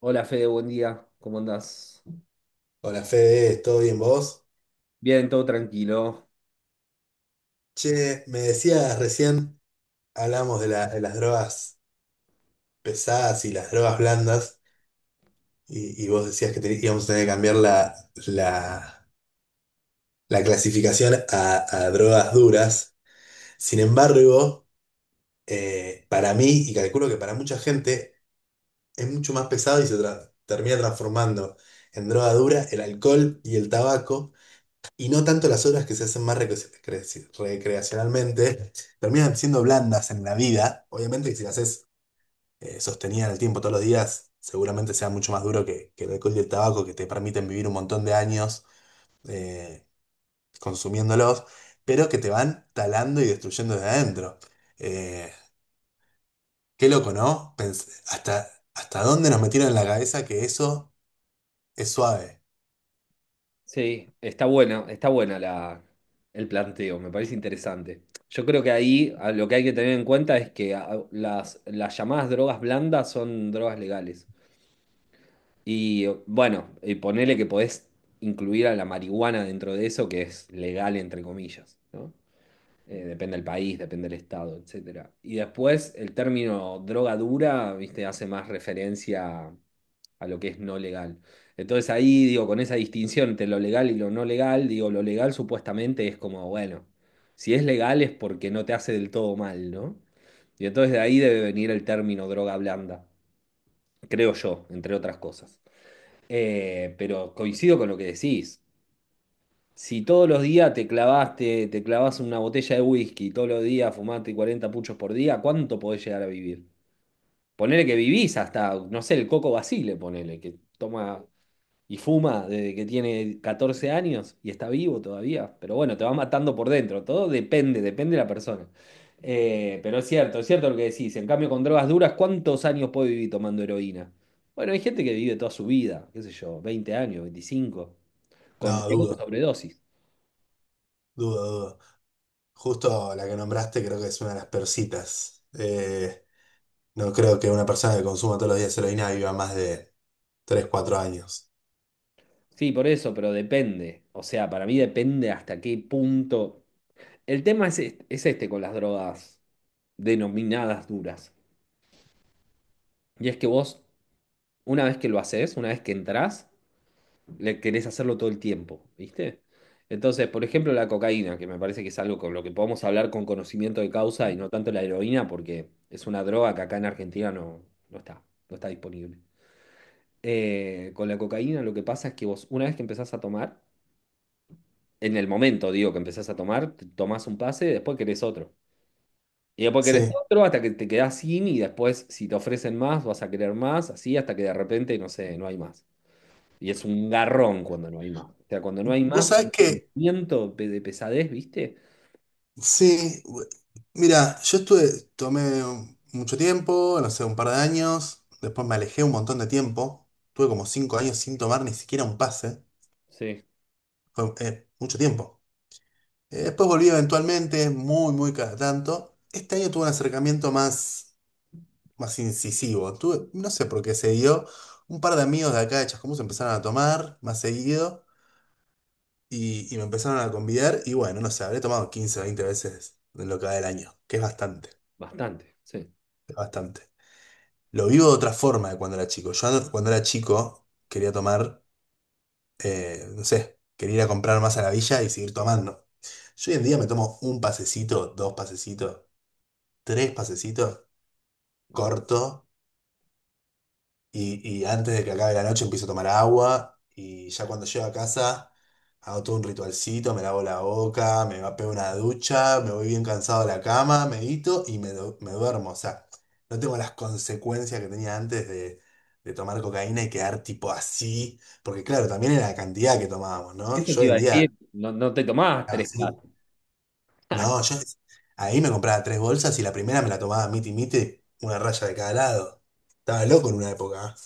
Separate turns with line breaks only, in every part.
Hola Fede, buen día. ¿Cómo andás?
Hola Fede, ¿todo bien vos?
Bien, todo tranquilo.
Che, me decías recién, hablamos de las drogas pesadas y las drogas blandas, y vos decías que íbamos a tener que cambiar la- la clasificación a drogas duras. Sin embargo, para mí, y calculo que para mucha gente, es mucho más pesado y se termina transformando en droga dura el alcohol y el tabaco. Y no tanto las obras que se hacen más recreacionalmente, terminan siendo blandas en la vida. Obviamente que si las haces sostenidas en el tiempo todos los días, seguramente sea mucho más duro que el alcohol y el tabaco, que te permiten vivir un montón de años eh, consumiéndolos, pero que te van talando y destruyendo desde adentro. Eh, qué loco, ¿no? Hasta, ¿hasta dónde nos metieron en la cabeza que eso es suave?
Sí, está buena el planteo, me parece interesante. Yo creo que ahí lo que hay que tener en cuenta es que las llamadas drogas blandas son drogas legales. Y bueno, y ponele que podés incluir a la marihuana dentro de eso, que es legal entre comillas, ¿no? Depende del país, depende del estado, etcétera. Y después el término droga dura, viste, hace más referencia a lo que es no legal. Entonces ahí digo, con esa distinción entre lo legal y lo no legal, digo, lo legal supuestamente es como, bueno, si es legal es porque no te hace del todo mal, ¿no? Y entonces de ahí debe venir el término droga blanda, creo yo, entre otras cosas. Pero coincido con lo que decís. Si todos los días te clavaste, te clavas una botella de whisky, todos los días fumaste 40 puchos por día, ¿cuánto podés llegar a vivir? Ponele que vivís hasta, no sé, el Coco Basile, ponele, que toma y fuma desde que tiene 14 años y está vivo todavía, pero bueno, te va matando por dentro, todo depende, depende de la persona. Pero es cierto lo que decís, en cambio con drogas duras, ¿cuántos años puede vivir tomando heroína? Bueno, hay gente que vive toda su vida, qué sé yo, 20 años, 25 con
No,
riesgo de
dudo,
sobredosis.
dudo, dudo. Justo la que nombraste creo que es una de las persitas. No creo que una persona que consuma todos los días heroína viva más de tres cuatro años.
Sí, por eso, pero depende, o sea, para mí depende hasta qué punto. El tema es este con las drogas denominadas duras, y es que vos, una vez que lo haces, una vez que entrás, le querés hacerlo todo el tiempo, ¿viste? Entonces, por ejemplo, la cocaína, que me parece que es algo con lo que podemos hablar con conocimiento de causa y no tanto la heroína, porque es una droga que acá en Argentina no, no está, no está disponible. Con la cocaína lo que pasa es que vos, una vez que empezás a tomar, en el momento, digo, que empezás a tomar, te tomás un pase, después querés otro. Y después querés
Sí.
otro hasta que te quedás sin y después si te ofrecen más, vas a querer más, así hasta que de repente, no sé, no hay más. Y es un garrón cuando no hay más. O sea, cuando no hay
Vos
más, el
sabés que,
sentimiento de pesadez, ¿viste?
sí, mira, yo estuve, mucho tiempo, no sé, un par de años, después me alejé un montón de tiempo, tuve como 5 años sin tomar ni siquiera un pase,
Sí,
fue mucho tiempo. Después volví eventualmente, muy, muy cada tanto. Este año tuve un acercamiento más incisivo. No sé por qué se dio. Un par de amigos de acá de Chascomús empezaron a tomar más seguido y me empezaron a convidar. Y bueno, no sé, habré tomado 15 o 20 veces en lo que va del año, que es bastante,
bastante, sí.
es bastante. Lo vivo de otra forma de cuando era chico. Yo antes, cuando era chico quería tomar, no sé, quería ir a comprar más a la villa y seguir tomando. Yo hoy en día me tomo un pasecito, dos pasecitos, tres pasecitos,
Exacto.
corto. Y antes de que acabe la noche empiezo a tomar agua y ya cuando llego a casa hago todo un ritualcito, me lavo la boca, pego una ducha, me voy bien cansado a la cama, medito y me duermo. O sea, no tengo las consecuencias que tenía antes de tomar cocaína y quedar tipo así, porque claro, también era la cantidad que tomábamos, ¿no?
Eso
Yo
te
hoy
iba
en
a decir,
día
no, no te tomabas
estaba
tres
así.
cajas.
No, yo ahí me compraba tres bolsas y la primera me la tomaba miti miti, una raya de cada lado. Estaba loco en una época. ¿Eh?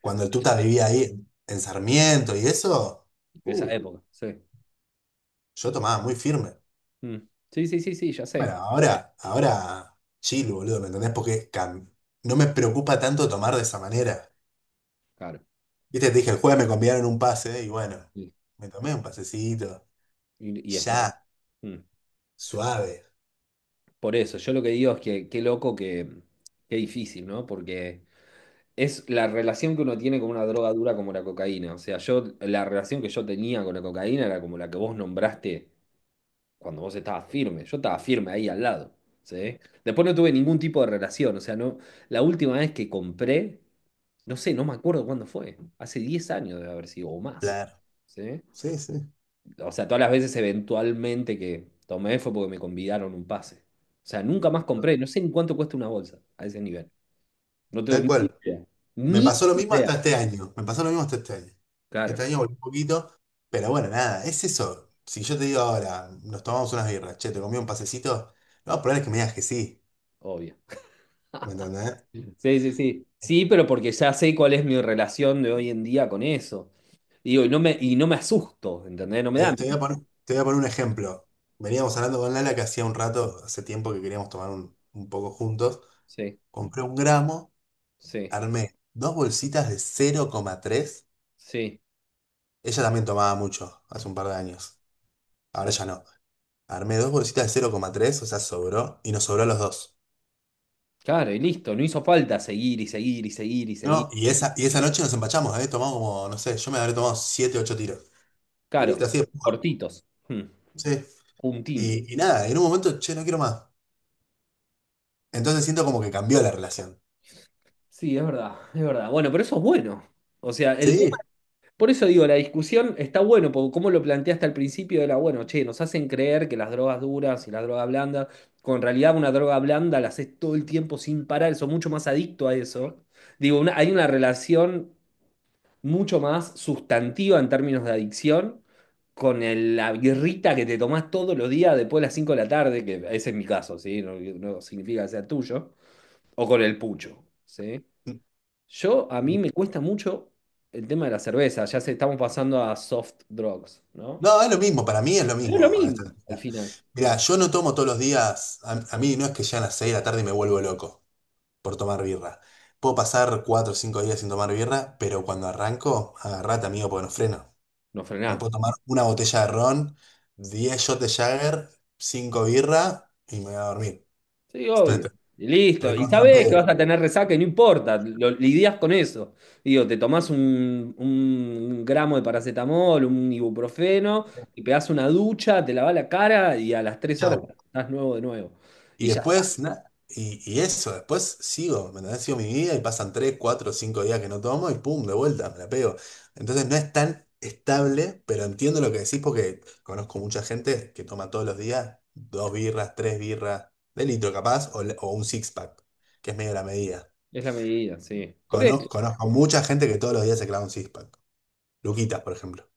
Cuando el
Eso
Tuta
te-
vivía ahí en Sarmiento y eso,
Esa
uh,
época, sí.
yo tomaba muy firme.
Mm. Sí, sí, sí, sí, ya
Bueno,
sé.
ahora, ahora, chill, boludo, ¿me entendés? Porque no me preocupa tanto tomar de esa manera.
Claro.
Viste, te dije, el jueves me convidaron un pase y bueno,
Sí.
me tomé un pasecito,
Y está bien.
ya,
Mm.
suave.
Por eso, yo lo que digo es que qué loco que, qué difícil, ¿no? Porque es la relación que uno tiene con una droga dura como la cocaína. O sea, yo, la relación que yo tenía con la cocaína era como la que vos nombraste cuando vos estabas firme. Yo estaba firme ahí al lado, ¿sí? Después no tuve ningún tipo de relación, o sea, no, la última vez que compré, no sé, no me acuerdo cuándo fue, hace 10 años debe haber sido, o más,
Claro.
¿sí?
Sí, sí,
O sea, todas las veces eventualmente que tomé fue porque me convidaron un pase. O sea, nunca más compré, no sé en cuánto cuesta una bolsa a ese nivel. No tengo
tal
ni
cual.
idea,
Me
ni
pasó lo mismo hasta
idea.
este año. Me pasó lo mismo hasta este año.
Claro,
Este año volví un poquito, pero bueno, nada, es eso. Si yo te digo ahora, nos tomamos unas birras, che, te comí un pasecito, no, probable es que me digas que sí.
obvio.
¿Me entendés?
Sí, sí, sí. Sí, pero porque ya sé cuál es mi relación de hoy en día con eso. Digo, y no me asusto, ¿entendés? No me
Te,
da
te voy a
miedo.
poner, te voy a poner un ejemplo. Veníamos hablando con Lala que hacía un rato, hace tiempo que queríamos tomar un poco juntos.
Sí,
Compré un gramo,
sí,
armé dos bolsitas de cero coma tres.
sí,
Ella también tomaba mucho hace un par de años.
sí.
Ahora ya no. Armé dos bolsitas de cero coma tres, o sea, sobró, y nos sobró a los dos.
Claro, y listo. No hizo falta seguir y seguir y seguir y seguir
No,
y
y esa
seguir.
noche nos empachamos, ¿eh? Tomamos como, no sé, yo me habré tomado siete, ocho tiros.
Claro,
Tirito así de puma,
cortitos. Hmm.
sí.
Puntín.
Y nada, en un momento, che, no quiero más. Entonces siento como que cambió la relación.
Sí, es verdad, es verdad. Bueno, pero eso es bueno. O sea. El
Sí.
Por eso digo, la discusión está bueno, porque como lo planteaste al principio, era bueno, che, nos hacen creer que las drogas duras y las drogas blandas, con realidad una droga blanda la haces todo el tiempo sin parar, sos mucho más adicto a eso. Digo, hay una relación mucho más sustantiva en términos de adicción con la birrita que te tomás todos los días después de las 5 de la tarde, que ese es mi caso, ¿sí? No, no significa que sea tuyo, o con el pucho, ¿sí? Yo, a mí me cuesta mucho el tema de la cerveza, ya se estamos pasando a soft drugs, ¿no?
No, es lo mismo, para mí es lo
Pero es lo
mismo a esta
mismo, al
altura.
final,
Mirá, yo no tomo todos los días, a mí no es que ya a las 6 de la tarde me vuelvo loco por tomar birra. Puedo pasar 4 o 5 días sin tomar birra, pero cuando arranco, agarrate, amigo, porque no freno.
no
Me
frenamos.
puedo tomar una botella de ron, 10 shots de Jagger, 5 birra y me voy a dormir.
Sí, obvio. Y listo. Y
Recontra
sabés que
pedo.
vas a tener resaca y no importa, lo, lidias con eso. Digo, te tomás un gramo de paracetamol, un ibuprofeno, y pegás una ducha, te lavas la cara y a las 3 horas
Chau.
estás nuevo de nuevo.
Y
Y ya está.
después, nada. Y eso, después sigo, ¿me entendés? Sigo mi vida y pasan 3 4 5 días que no tomo y pum, de vuelta, me la pego. Entonces no es tan estable, pero entiendo lo que decís porque conozco mucha gente que toma todos los días dos birras, tres birras, de litro capaz, o un six pack, que es medio la medida.
Es la medida, sí. Por eso,
Conozco mucha gente que todos los días se clava un six pack. Luquitas, por ejemplo.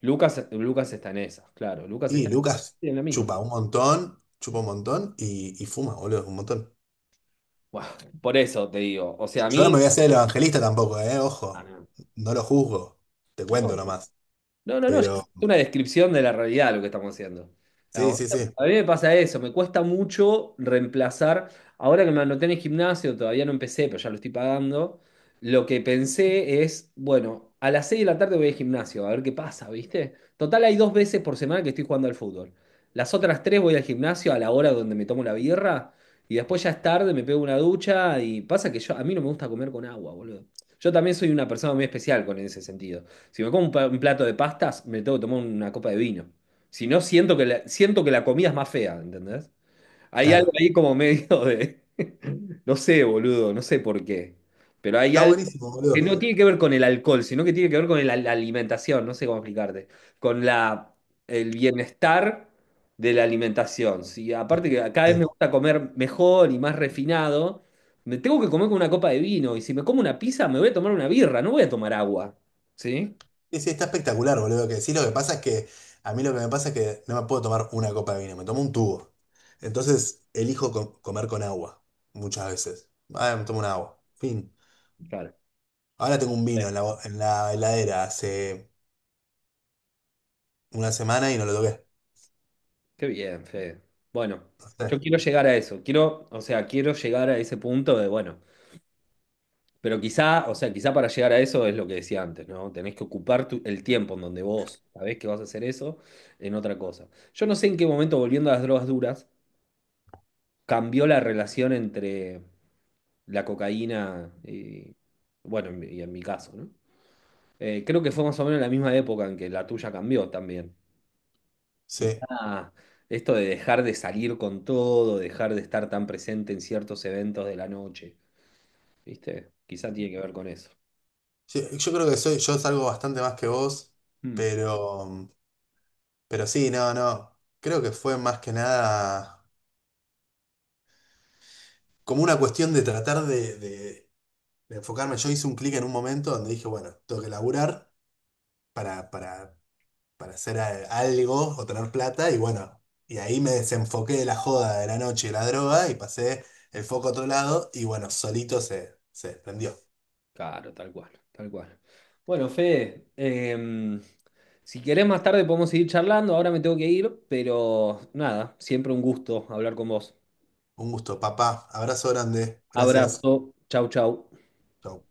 Lucas, Lucas está en esa, claro. Lucas está
Y
en esa,
Lucas
sí, en la misma.
chupa un montón y fuma, boludo, un montón.
Buah, por eso te digo, o sea, a
Yo no me
mí.
voy a hacer el evangelista tampoco, ¿eh?
Ah,
Ojo,
no.
no lo juzgo, te
No,
cuento
no.
nomás.
No, no, no, ya es
Pero
una descripción de la realidad lo que estamos haciendo.
sí,
Digamos,
sí, sí,
a mí me pasa eso, me cuesta mucho reemplazar. Ahora que me anoté en el gimnasio, todavía no empecé, pero ya lo estoy pagando. Lo que pensé es, bueno, a las 6 de la tarde voy al gimnasio, a ver qué pasa, ¿viste? Total, hay dos veces por semana que estoy jugando al fútbol. Las otras tres voy al gimnasio a la hora donde me tomo la birra y después ya es tarde, me pego una ducha y pasa que yo, a mí no me gusta comer con agua, boludo. Yo también soy una persona muy especial con ese sentido. Si me como un plato de pastas, me tengo que tomar una copa de vino. Si no, siento que la comida es más fea, ¿entendés? Hay algo
claro.
ahí como medio de. No sé, boludo, no sé por qué. Pero hay
Está
algo
buenísimo,
que
boludo.
no tiene que ver con el alcohol, sino que tiene que ver con la alimentación, no sé cómo explicarte. Con la, el bienestar de la alimentación. Si aparte que cada vez
Sí,
me gusta comer mejor y más refinado, me tengo que comer con una copa de vino. Y si me como una pizza, me voy a tomar una birra, no voy a tomar agua. ¿Sí?
sí, sí, está espectacular, boludo. Que sí, lo que pasa es que a mí lo que me pasa es que no me puedo tomar una copa de vino, me tomo un tubo. Entonces elijo comer con agua, muchas veces. Ah, me tomo un agua, fin.
Claro.
Ahora tengo un vino en en la heladera hace una semana y no lo toqué.
Qué bien, Fede. Bueno,
Sí,
yo quiero llegar a eso. Quiero, o sea, quiero llegar a ese punto de, bueno, pero quizá, o sea, quizá para llegar a eso es lo que decía antes, ¿no? Tenés que ocupar el tiempo en donde vos sabés que vas a hacer eso en otra cosa. Yo no sé en qué momento, volviendo a las drogas duras, cambió la relación entre la cocaína y, bueno, y en mi caso, ¿no? Creo que fue más o menos la misma época en que la tuya cambió también. Y,
sí.
esto de dejar de salir con todo, dejar de estar tan presente en ciertos eventos de la noche, ¿viste? Quizá tiene que ver con eso.
Sí, yo creo que soy, yo salgo bastante más que vos,
Mm,
pero, pero sí, no, no. Creo que fue más que nada como una cuestión de tratar de enfocarme. Yo hice un clic en un momento donde dije, bueno, tengo que laburar para, para, para hacer algo o tener plata, y bueno, y ahí me desenfoqué de la joda de la noche y de la droga y pasé el foco a otro lado, y bueno, solito se prendió.
claro, tal cual, tal cual. Bueno, Fede, si querés más tarde podemos seguir charlando, ahora me tengo que ir, pero nada, siempre un gusto hablar con vos.
Un gusto, papá. Abrazo grande. Gracias.
Abrazo, chau, chau.
Chau.